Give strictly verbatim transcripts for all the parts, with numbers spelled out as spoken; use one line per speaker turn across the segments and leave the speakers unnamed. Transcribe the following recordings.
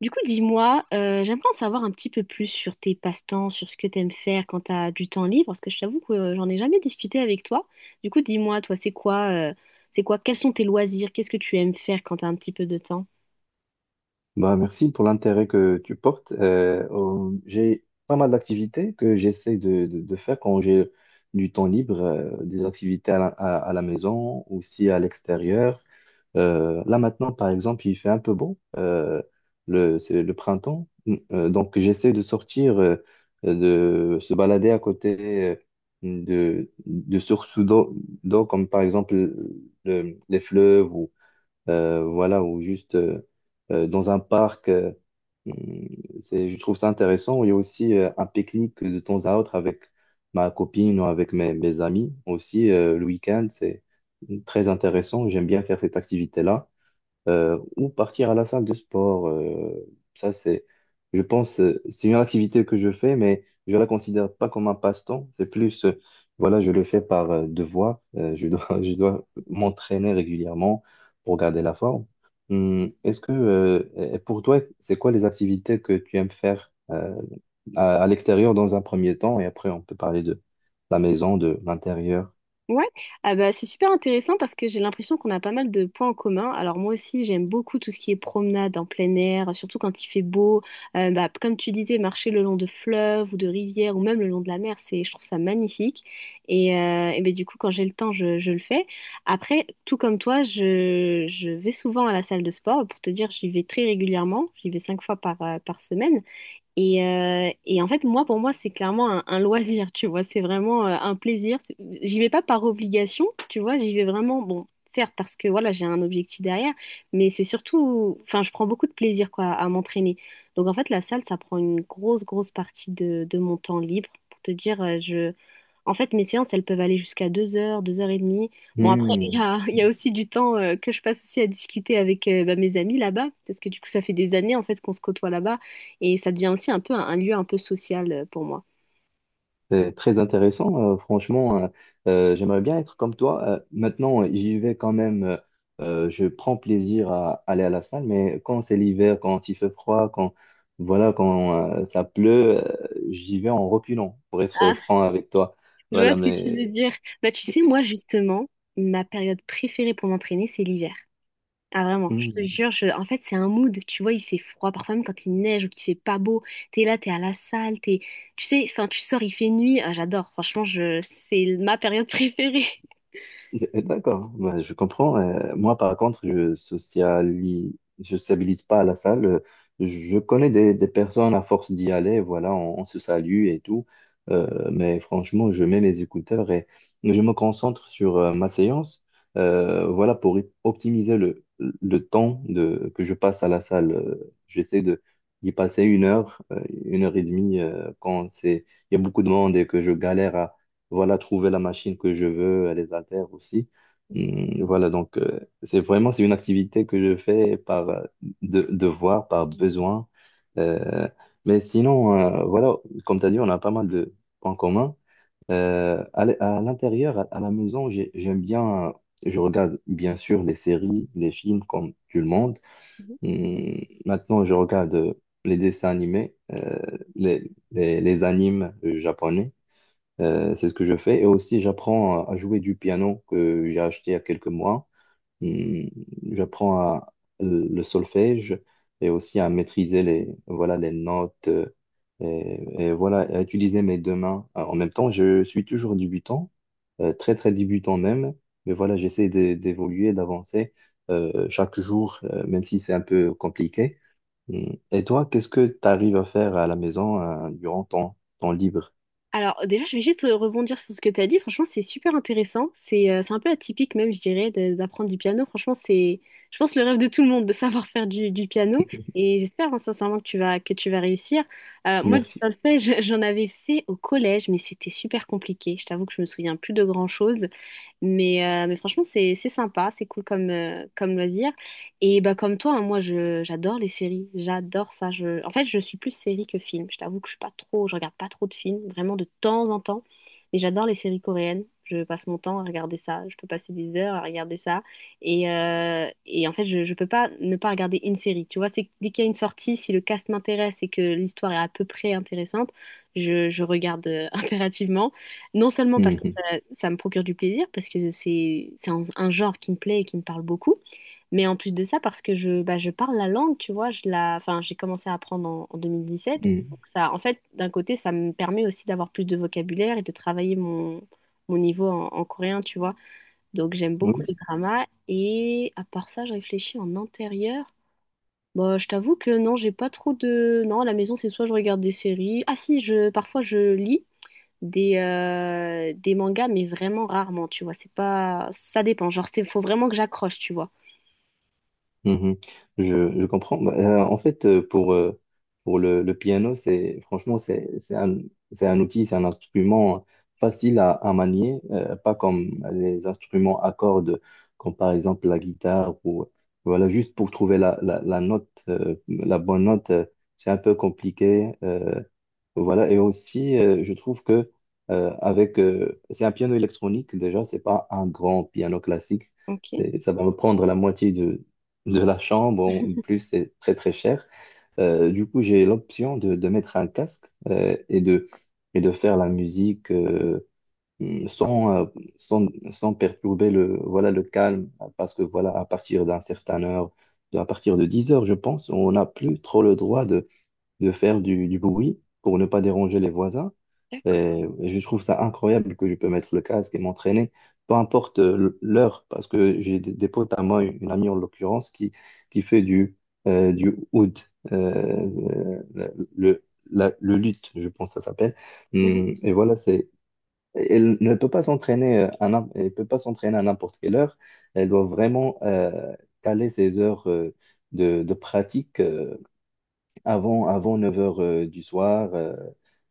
Du coup, dis-moi, euh, j'aimerais en savoir un petit peu plus sur tes passe-temps, sur ce que t'aimes faire quand t'as du temps libre, parce que je t'avoue que euh, j'en ai jamais discuté avec toi. Du coup, dis-moi, toi, c'est quoi, euh, c'est quoi, quels sont tes loisirs, qu'est-ce que tu aimes faire quand t'as un petit peu de temps?
Bah, merci pour l'intérêt que tu portes. Euh, euh, j'ai pas mal d'activités que j'essaie de, de- de faire quand j'ai du temps libre, euh, des activités à la, à- à la maison, aussi à l'extérieur. Euh, là maintenant, par exemple, il fait un peu beau, euh, le, c'est le printemps, Hum, Euh, donc j'essaie de sortir, euh, de se balader à côté euh, de, de sources d'eau, d'eau, comme par exemple le- les fleuves, euh, voilà, ou juste euh, euh, dans un parc. euh, hum, c'est, je trouve ça intéressant. Il y a aussi euh, un pique-nique de temps à autre avec ma copine ou avec mes, mes amis aussi. Euh, le week-end, c'est très intéressant. J'aime bien faire cette activité-là euh, ou partir à la salle de sport. Euh, ça, c'est, je pense, euh, c'est une activité que je fais, mais je la considère pas comme un passe-temps. C'est plus, euh, voilà, je le fais par euh, devoir. Euh, je dois, je dois m'entraîner régulièrement pour garder la forme. Hum, est-ce que, euh, et pour toi, c'est quoi les activités que tu aimes faire euh, à, à l'extérieur dans un premier temps, et après on peut parler de la maison, de l'intérieur.
Ouais, ah bah, c'est super intéressant parce que j'ai l'impression qu'on a pas mal de points en commun. Alors moi aussi, j'aime beaucoup tout ce qui est promenade en plein air, surtout quand il fait beau. Euh, bah, comme tu disais, marcher le long de fleuves ou de rivières ou même le long de la mer, c'est, je trouve ça magnifique. Et, euh, et ben, du coup, quand j'ai le temps, je, je le fais. Après, tout comme toi, je, je vais souvent à la salle de sport. Pour te dire, j'y vais très régulièrement. J'y vais cinq fois par, euh, par semaine. Et, euh, et en fait, moi, pour moi, c'est clairement un, un loisir, tu vois. C'est vraiment euh, un plaisir. C'est- J'y vais pas par obligation, tu vois. J'y vais vraiment, bon, certes, parce que voilà, j'ai un objectif derrière, mais c'est surtout, enfin, je prends beaucoup de plaisir, quoi, à m'entraîner. Donc, en fait, la salle, ça prend une grosse, grosse partie de, de mon temps libre. Pour te dire, euh, je. En fait, mes séances, elles peuvent aller jusqu'à deux heures, deux heures et demie. Bon, après, il y
Hum,
a, il y a aussi du temps euh, que je passe aussi à discuter avec euh, bah, mes amis là-bas, parce que du coup, ça fait des années, en fait, qu'on se côtoie là-bas. Et ça devient aussi un peu un, un lieu un peu social euh, pour moi.
C'est très intéressant, euh, franchement, euh, euh, j'aimerais bien être comme toi. Euh, maintenant, j'y vais quand même, euh, euh, je prends plaisir à aller à la salle, mais quand c'est l'hiver, quand il fait froid, quand voilà, quand euh, ça pleut, euh, j'y vais en reculant, pour être
Ah,
franc avec toi.
je vois
Voilà,
ce que tu veux
mais
dire. Bah, tu sais, moi, justement, ma période préférée pour m'entraîner, c'est l'hiver. Ah, vraiment, je te
hmm.
jure, je- en fait, c'est un mood. Tu vois, il fait froid, parfois même quand il neige ou qu'il fait pas beau. T'es là, t'es à la salle, t'es. Tu sais, enfin, tu sors, il fait nuit. Ah, j'adore, franchement, je. C'est ma période préférée.
Eh, eh, D'accord, ouais, je comprends. Euh, moi, par contre, je sociali- je sociabilise pas à la salle. Euh, Je connais des, des personnes à force d'y aller, voilà, on, on se salue et tout. Euh, mais franchement, je mets mes écouteurs et je me concentre sur euh, ma séance, euh, voilà, pour y- optimiser le, le temps de, que je passe à la salle. Euh, J'essaie de d'y passer une heure, euh, une heure et demie, euh, quand c'est, il y a beaucoup de monde et que je galère voilà, trouver la machine que je veux, les haltères aussi. Hum, Voilà, donc euh, c'est vraiment c'est une activité que je fais par euh, de, devoir, par besoin. Euh, mais sinon, euh, voilà, comme tu as dit, on a pas mal de points communs. Euh, à l- à l'intérieur, à, à la maison, j'ai- j'aime bien, euh, je regarde bien sûr les séries, les films comme tout le monde. Hum, Maintenant, je regarde euh, les dessins animés, euh, les, les, les animes euh, japonais. Euh, c'est ce que je fais. Et aussi, j'apprends à à jouer du piano que j'ai acheté il y a quelques mois. Hum, J'apprends à- le solfège et aussi à maîtriser les, voilà, les notes, euh, et, et voilà, à utiliser mes deux mains. Alors, En même temps, je suis toujours débutant, euh, très très débutant même. Mais voilà, j'essaie d'é- d'évoluer, d'avancer euh, chaque jour, euh, même si c'est un peu compliqué. Hum. Et toi, qu'est-ce que tu arrives à faire à la maison euh, durant ton temps libre?
Alors déjà, je vais juste euh, rebondir sur ce que tu as dit. Franchement, c'est super intéressant. C'est euh, c'est un peu atypique même, je dirais, de- d'apprendre du piano. Franchement, c'est, je pense, le rêve de tout le monde de savoir faire du, du piano. Et j'espère hein, sincèrement que tu vas, que tu vas réussir. Euh, moi, du
Merci.
solfège, j'en avais fait au collège, mais c'était super compliqué. Je t'avoue que je me souviens plus de grand-chose. Mais, euh, mais franchement, c'est c'est sympa, c'est cool comme, euh, comme loisir. Et bah, comme toi, hein, moi, je, j'adore les séries, j'adore ça. Je. En fait, je suis plus série que film. Je t'avoue que je suis pas trop, je regarde pas trop de films, vraiment de temps en temps. Mais j'adore les séries coréennes. Je passe mon temps à regarder ça. Je peux passer des heures à regarder ça. Et, euh, et en fait, je, je peux pas ne pas regarder une série. Tu vois, c'est que dès qu'il y a une sortie, si le cast m'intéresse et que l'histoire est à peu près intéressante, je, je regarde euh, impérativement. Non seulement parce que ça, ça me procure du plaisir, parce que c'est c'est un, un genre qui me plaît et qui me parle beaucoup, mais en plus de ça, parce que je, bah, je parle la langue, tu vois, je la, enfin, j'ai commencé à apprendre en, en deux mille dix-sept.
Mm.
Donc ça, en fait, d'un côté, ça me permet aussi d'avoir plus de vocabulaire et de travailler mon, mon niveau en, en coréen, tu vois. Donc j'aime beaucoup les
Oui,
dramas. Et à part ça, je réfléchis en intérieur. Bah, je t'avoue que non, j'ai pas trop de. Non, à la maison, c'est soit je regarde des séries. Ah si, je, parfois je lis des, euh, des mangas, mais vraiment rarement, tu vois. C'est pas. Ça dépend, genre, il faut vraiment que j'accroche, tu vois.
mhm. Je, je comprends. Bah, euh, en fait, euh, pour, euh, pour le, le piano, c'est franchement, c'est, c'est un, c'est un outil, c'est un instrument, euh, facile à, à manier, euh, pas comme les instruments à cordes, comme par exemple la guitare, ou voilà, juste pour trouver la, la, la note, euh, la bonne note, euh, c'est un peu compliqué. euh, Voilà, et aussi, euh, je trouve que euh, avec, euh, c'est un piano électronique déjà, c'est pas un grand piano classique.
Ok,
C'est, ça va me prendre la moitié de, de la chambre, en plus c'est très très cher. Euh, du coup, j'ai l'option de, de mettre un casque euh, et de, et de faire la musique euh, sans, euh, sans, sans perturber le, voilà, le calme, parce que voilà, à partir d'un certain heure, à partir de dix heures, je pense, on n'a plus trop le droit de faire du, du bruit pour ne pas déranger les voisins.
d'accord.
Et je trouve ça incroyable que je peux mettre le casque et m'entraîner, peu importe euh, l'heure, parce que j'ai des, des potes à moi, une amie en l'occurrence, qui, qui fait du, euh, du oud, euh, le, le- la- le luth, je pense que ça s'appelle.
Mhm.
Hum, Et voilà, c'est. Elle ne peut pas s'entraîner euh, à, n'im- elle peut pas s'entraîner à n'importe quelle heure. Elle doit vraiment euh, caler ses heures euh, de, de pratique euh, avant, avant neuf heures euh, du soir. euh,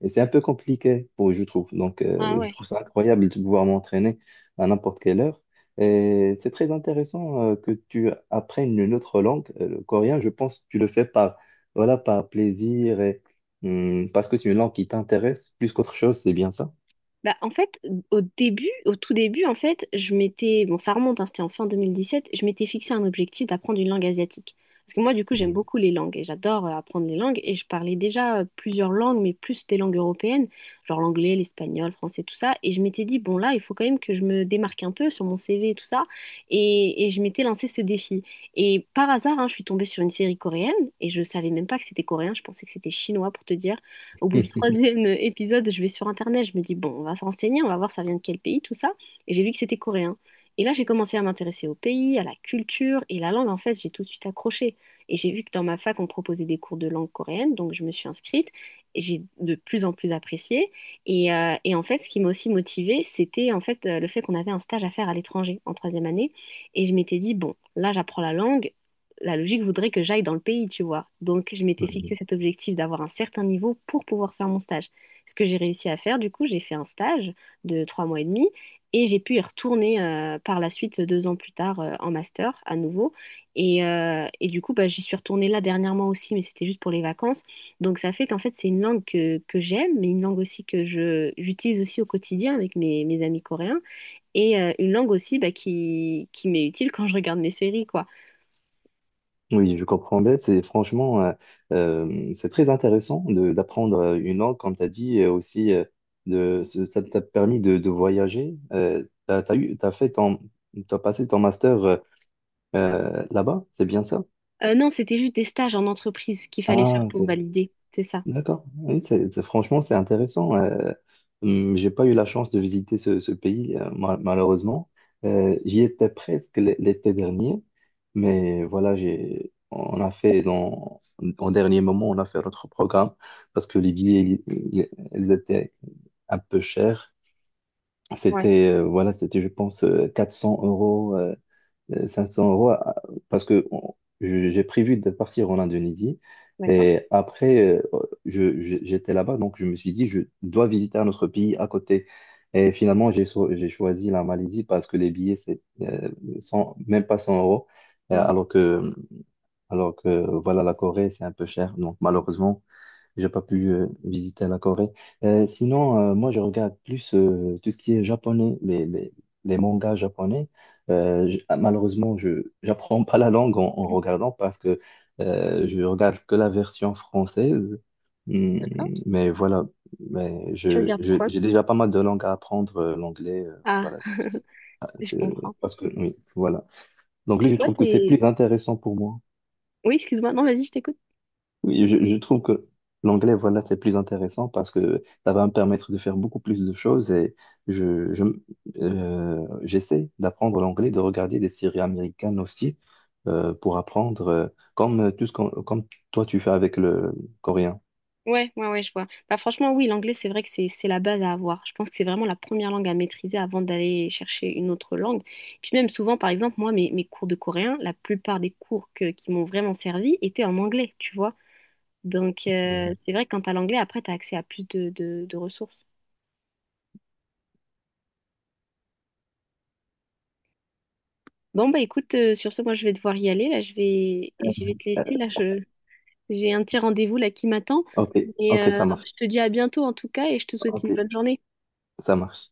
Et c'est un peu compliqué, pour, je trouve. Donc,
Ah
euh, je
ouais.
trouve ça incroyable de pouvoir m'entraîner à n'importe quelle heure. Et c'est très intéressant euh, que tu apprennes une autre langue, euh, le coréen. Je pense que tu le fais par, voilà, par plaisir et hum, parce que c'est une langue qui t'intéresse plus qu'autre chose, c'est bien ça?
Bah, en fait, au début, au tout début, en fait, je m'étais, bon, ça remonte, hein, c'était en fin deux mille dix-sept, je m'étais fixé un objectif d'apprendre une langue asiatique. Parce que moi, du coup, j'aime beaucoup les langues et j'adore euh, apprendre les langues. Et je parlais déjà euh, plusieurs langues, mais plus des langues européennes, genre l'anglais, l'espagnol, le français, tout ça. Et je m'étais dit, bon, là, il faut quand même que je me démarque un peu sur mon C V et tout ça. Et, et je m'étais lancé ce défi. Et par hasard, hein, je suis tombée sur une série coréenne et je savais même pas que c'était coréen, je pensais que c'était chinois pour te dire. Au bout du
Mhm.
troisième épisode, je vais sur Internet, je me dis, bon, on va se renseigner, on va voir ça vient de quel pays, tout ça. Et j'ai vu que c'était coréen. Et là, j'ai commencé à m'intéresser au pays, à la culture et la langue, en fait, j'ai tout de suite accroché. Et j'ai vu que dans ma fac, on proposait des cours de langue coréenne, donc je me suis inscrite. Et j'ai de plus en plus apprécié. Et, euh, et en fait, ce qui m'a aussi motivée, c'était en fait euh, le fait qu'on avait un stage à faire à l'étranger en troisième année. Et je m'étais dit, bon, là, j'apprends la langue, la logique voudrait que j'aille dans le pays, tu vois. Donc, je m'étais fixé cet objectif d'avoir un certain niveau pour pouvoir faire mon stage. Ce que j'ai réussi à faire, du coup, j'ai fait un stage de trois mois et demi et j'ai pu y retourner euh, par la suite deux ans plus tard euh, en master à nouveau. Et, euh, et du coup, bah, j'y suis retournée là dernièrement aussi, mais c'était juste pour les vacances. Donc, ça fait qu'en fait, c'est une langue que, que j'aime, mais une langue aussi que je, j'utilise aussi au quotidien avec mes, mes amis coréens et euh, une langue aussi bah, qui, qui m'est utile quand je regarde mes séries, quoi.
Oui, je comprends bien. C'est franchement, euh, euh, c'est très intéressant de- d'apprendre euh, une langue, comme tu as dit, et aussi euh, de, ce- ça t'a permis de, de voyager. Euh, t'as, t'as eu, t'as fait ton, t'as passé ton master euh, euh, là-bas, c'est bien ça?
Euh, non, c'était juste des stages en entreprise qu'il fallait faire
Ah,
pour valider, c'est ça.
D'accord. Oui, c'est, c'est- franchement, c'est intéressant. Euh, hum, j'ai pas eu la chance de visiter ce, ce pays, euh, mal- malheureusement. Euh, j'y étais presque l- l'été dernier, mais voilà, j'ai, on a fait dans, en dernier moment, on a fait notre programme parce que les billets, ils- ils ils étaient un peu chers.
Ouais,
C'était, euh, voilà, c'était, je pense, euh, quatre cents euros euh, euh, cinq cents euros à- parce que on- je- j'ai prévu de partir en Indonésie
d'accord.
et après euh, je- je- j'étais là-bas donc je me suis dit je dois visiter un autre pays à côté et finalement j'ai so- j'ai choisi la Malaisie parce que les billets c'est euh, cent- même pas cent euros, euh,
Mm.
alors que alors que voilà la Corée c'est un peu cher donc malheureusement j'ai pas pu euh, visiter la Corée. Euh, sinon, euh, moi, je regarde plus euh, tout ce qui est japonais, les, les, les mangas japonais. Euh, je- ah, malheureusement, je j'apprends pas la langue en, en regardant parce que euh, je regarde que la version française. Hmm,
D'accord.
mais voilà, mais
Tu
je,
regardes
je-
quoi?
j'ai déjà pas mal de langues à apprendre, euh, l'anglais, euh,
Ah,
voilà. Si- ah,
je
c'est-
comprends.
Parce que, oui, voilà. Donc, lui,
C'est
je
quoi
trouve que c'est
tes.
plus intéressant pour moi.
Oui, excuse-moi. Non, vas-y, je t'écoute.
Oui, je, je trouve que l'anglais, voilà, c'est plus intéressant parce que ça va me permettre de faire beaucoup plus de choses et je, je, euh, j'essaie d'apprendre l'anglais, de regarder des séries américaines aussi, euh, pour apprendre, euh, comme euh, tout ce qu'on, comme toi tu fais avec le coréen.
Ouais, ouais, ouais, je vois. Bah, franchement, oui, l'anglais, c'est vrai que c'est c'est la base à avoir. Je pense que c'est vraiment la première langue à maîtriser avant d'aller chercher une autre langue. Puis même souvent, par exemple, moi, mes, mes cours de coréen, la plupart des cours que- qui m'ont vraiment servi étaient en anglais, tu vois. Donc,
Mhm.
euh, c'est vrai que quand t'as l'anglais, après, t'as accès à plus de, de de ressources. Bon, bah écoute, euh, sur ce, moi je vais devoir y aller. Là, je vais, je vais te
Euh,
laisser. Là, je- j'ai un petit rendez-vous là qui m'attend.
Ok,
Et
ok, ça
euh,
marche.
je te dis à bientôt en tout cas et je te souhaite une
Ok,
bonne journée.
ça marche.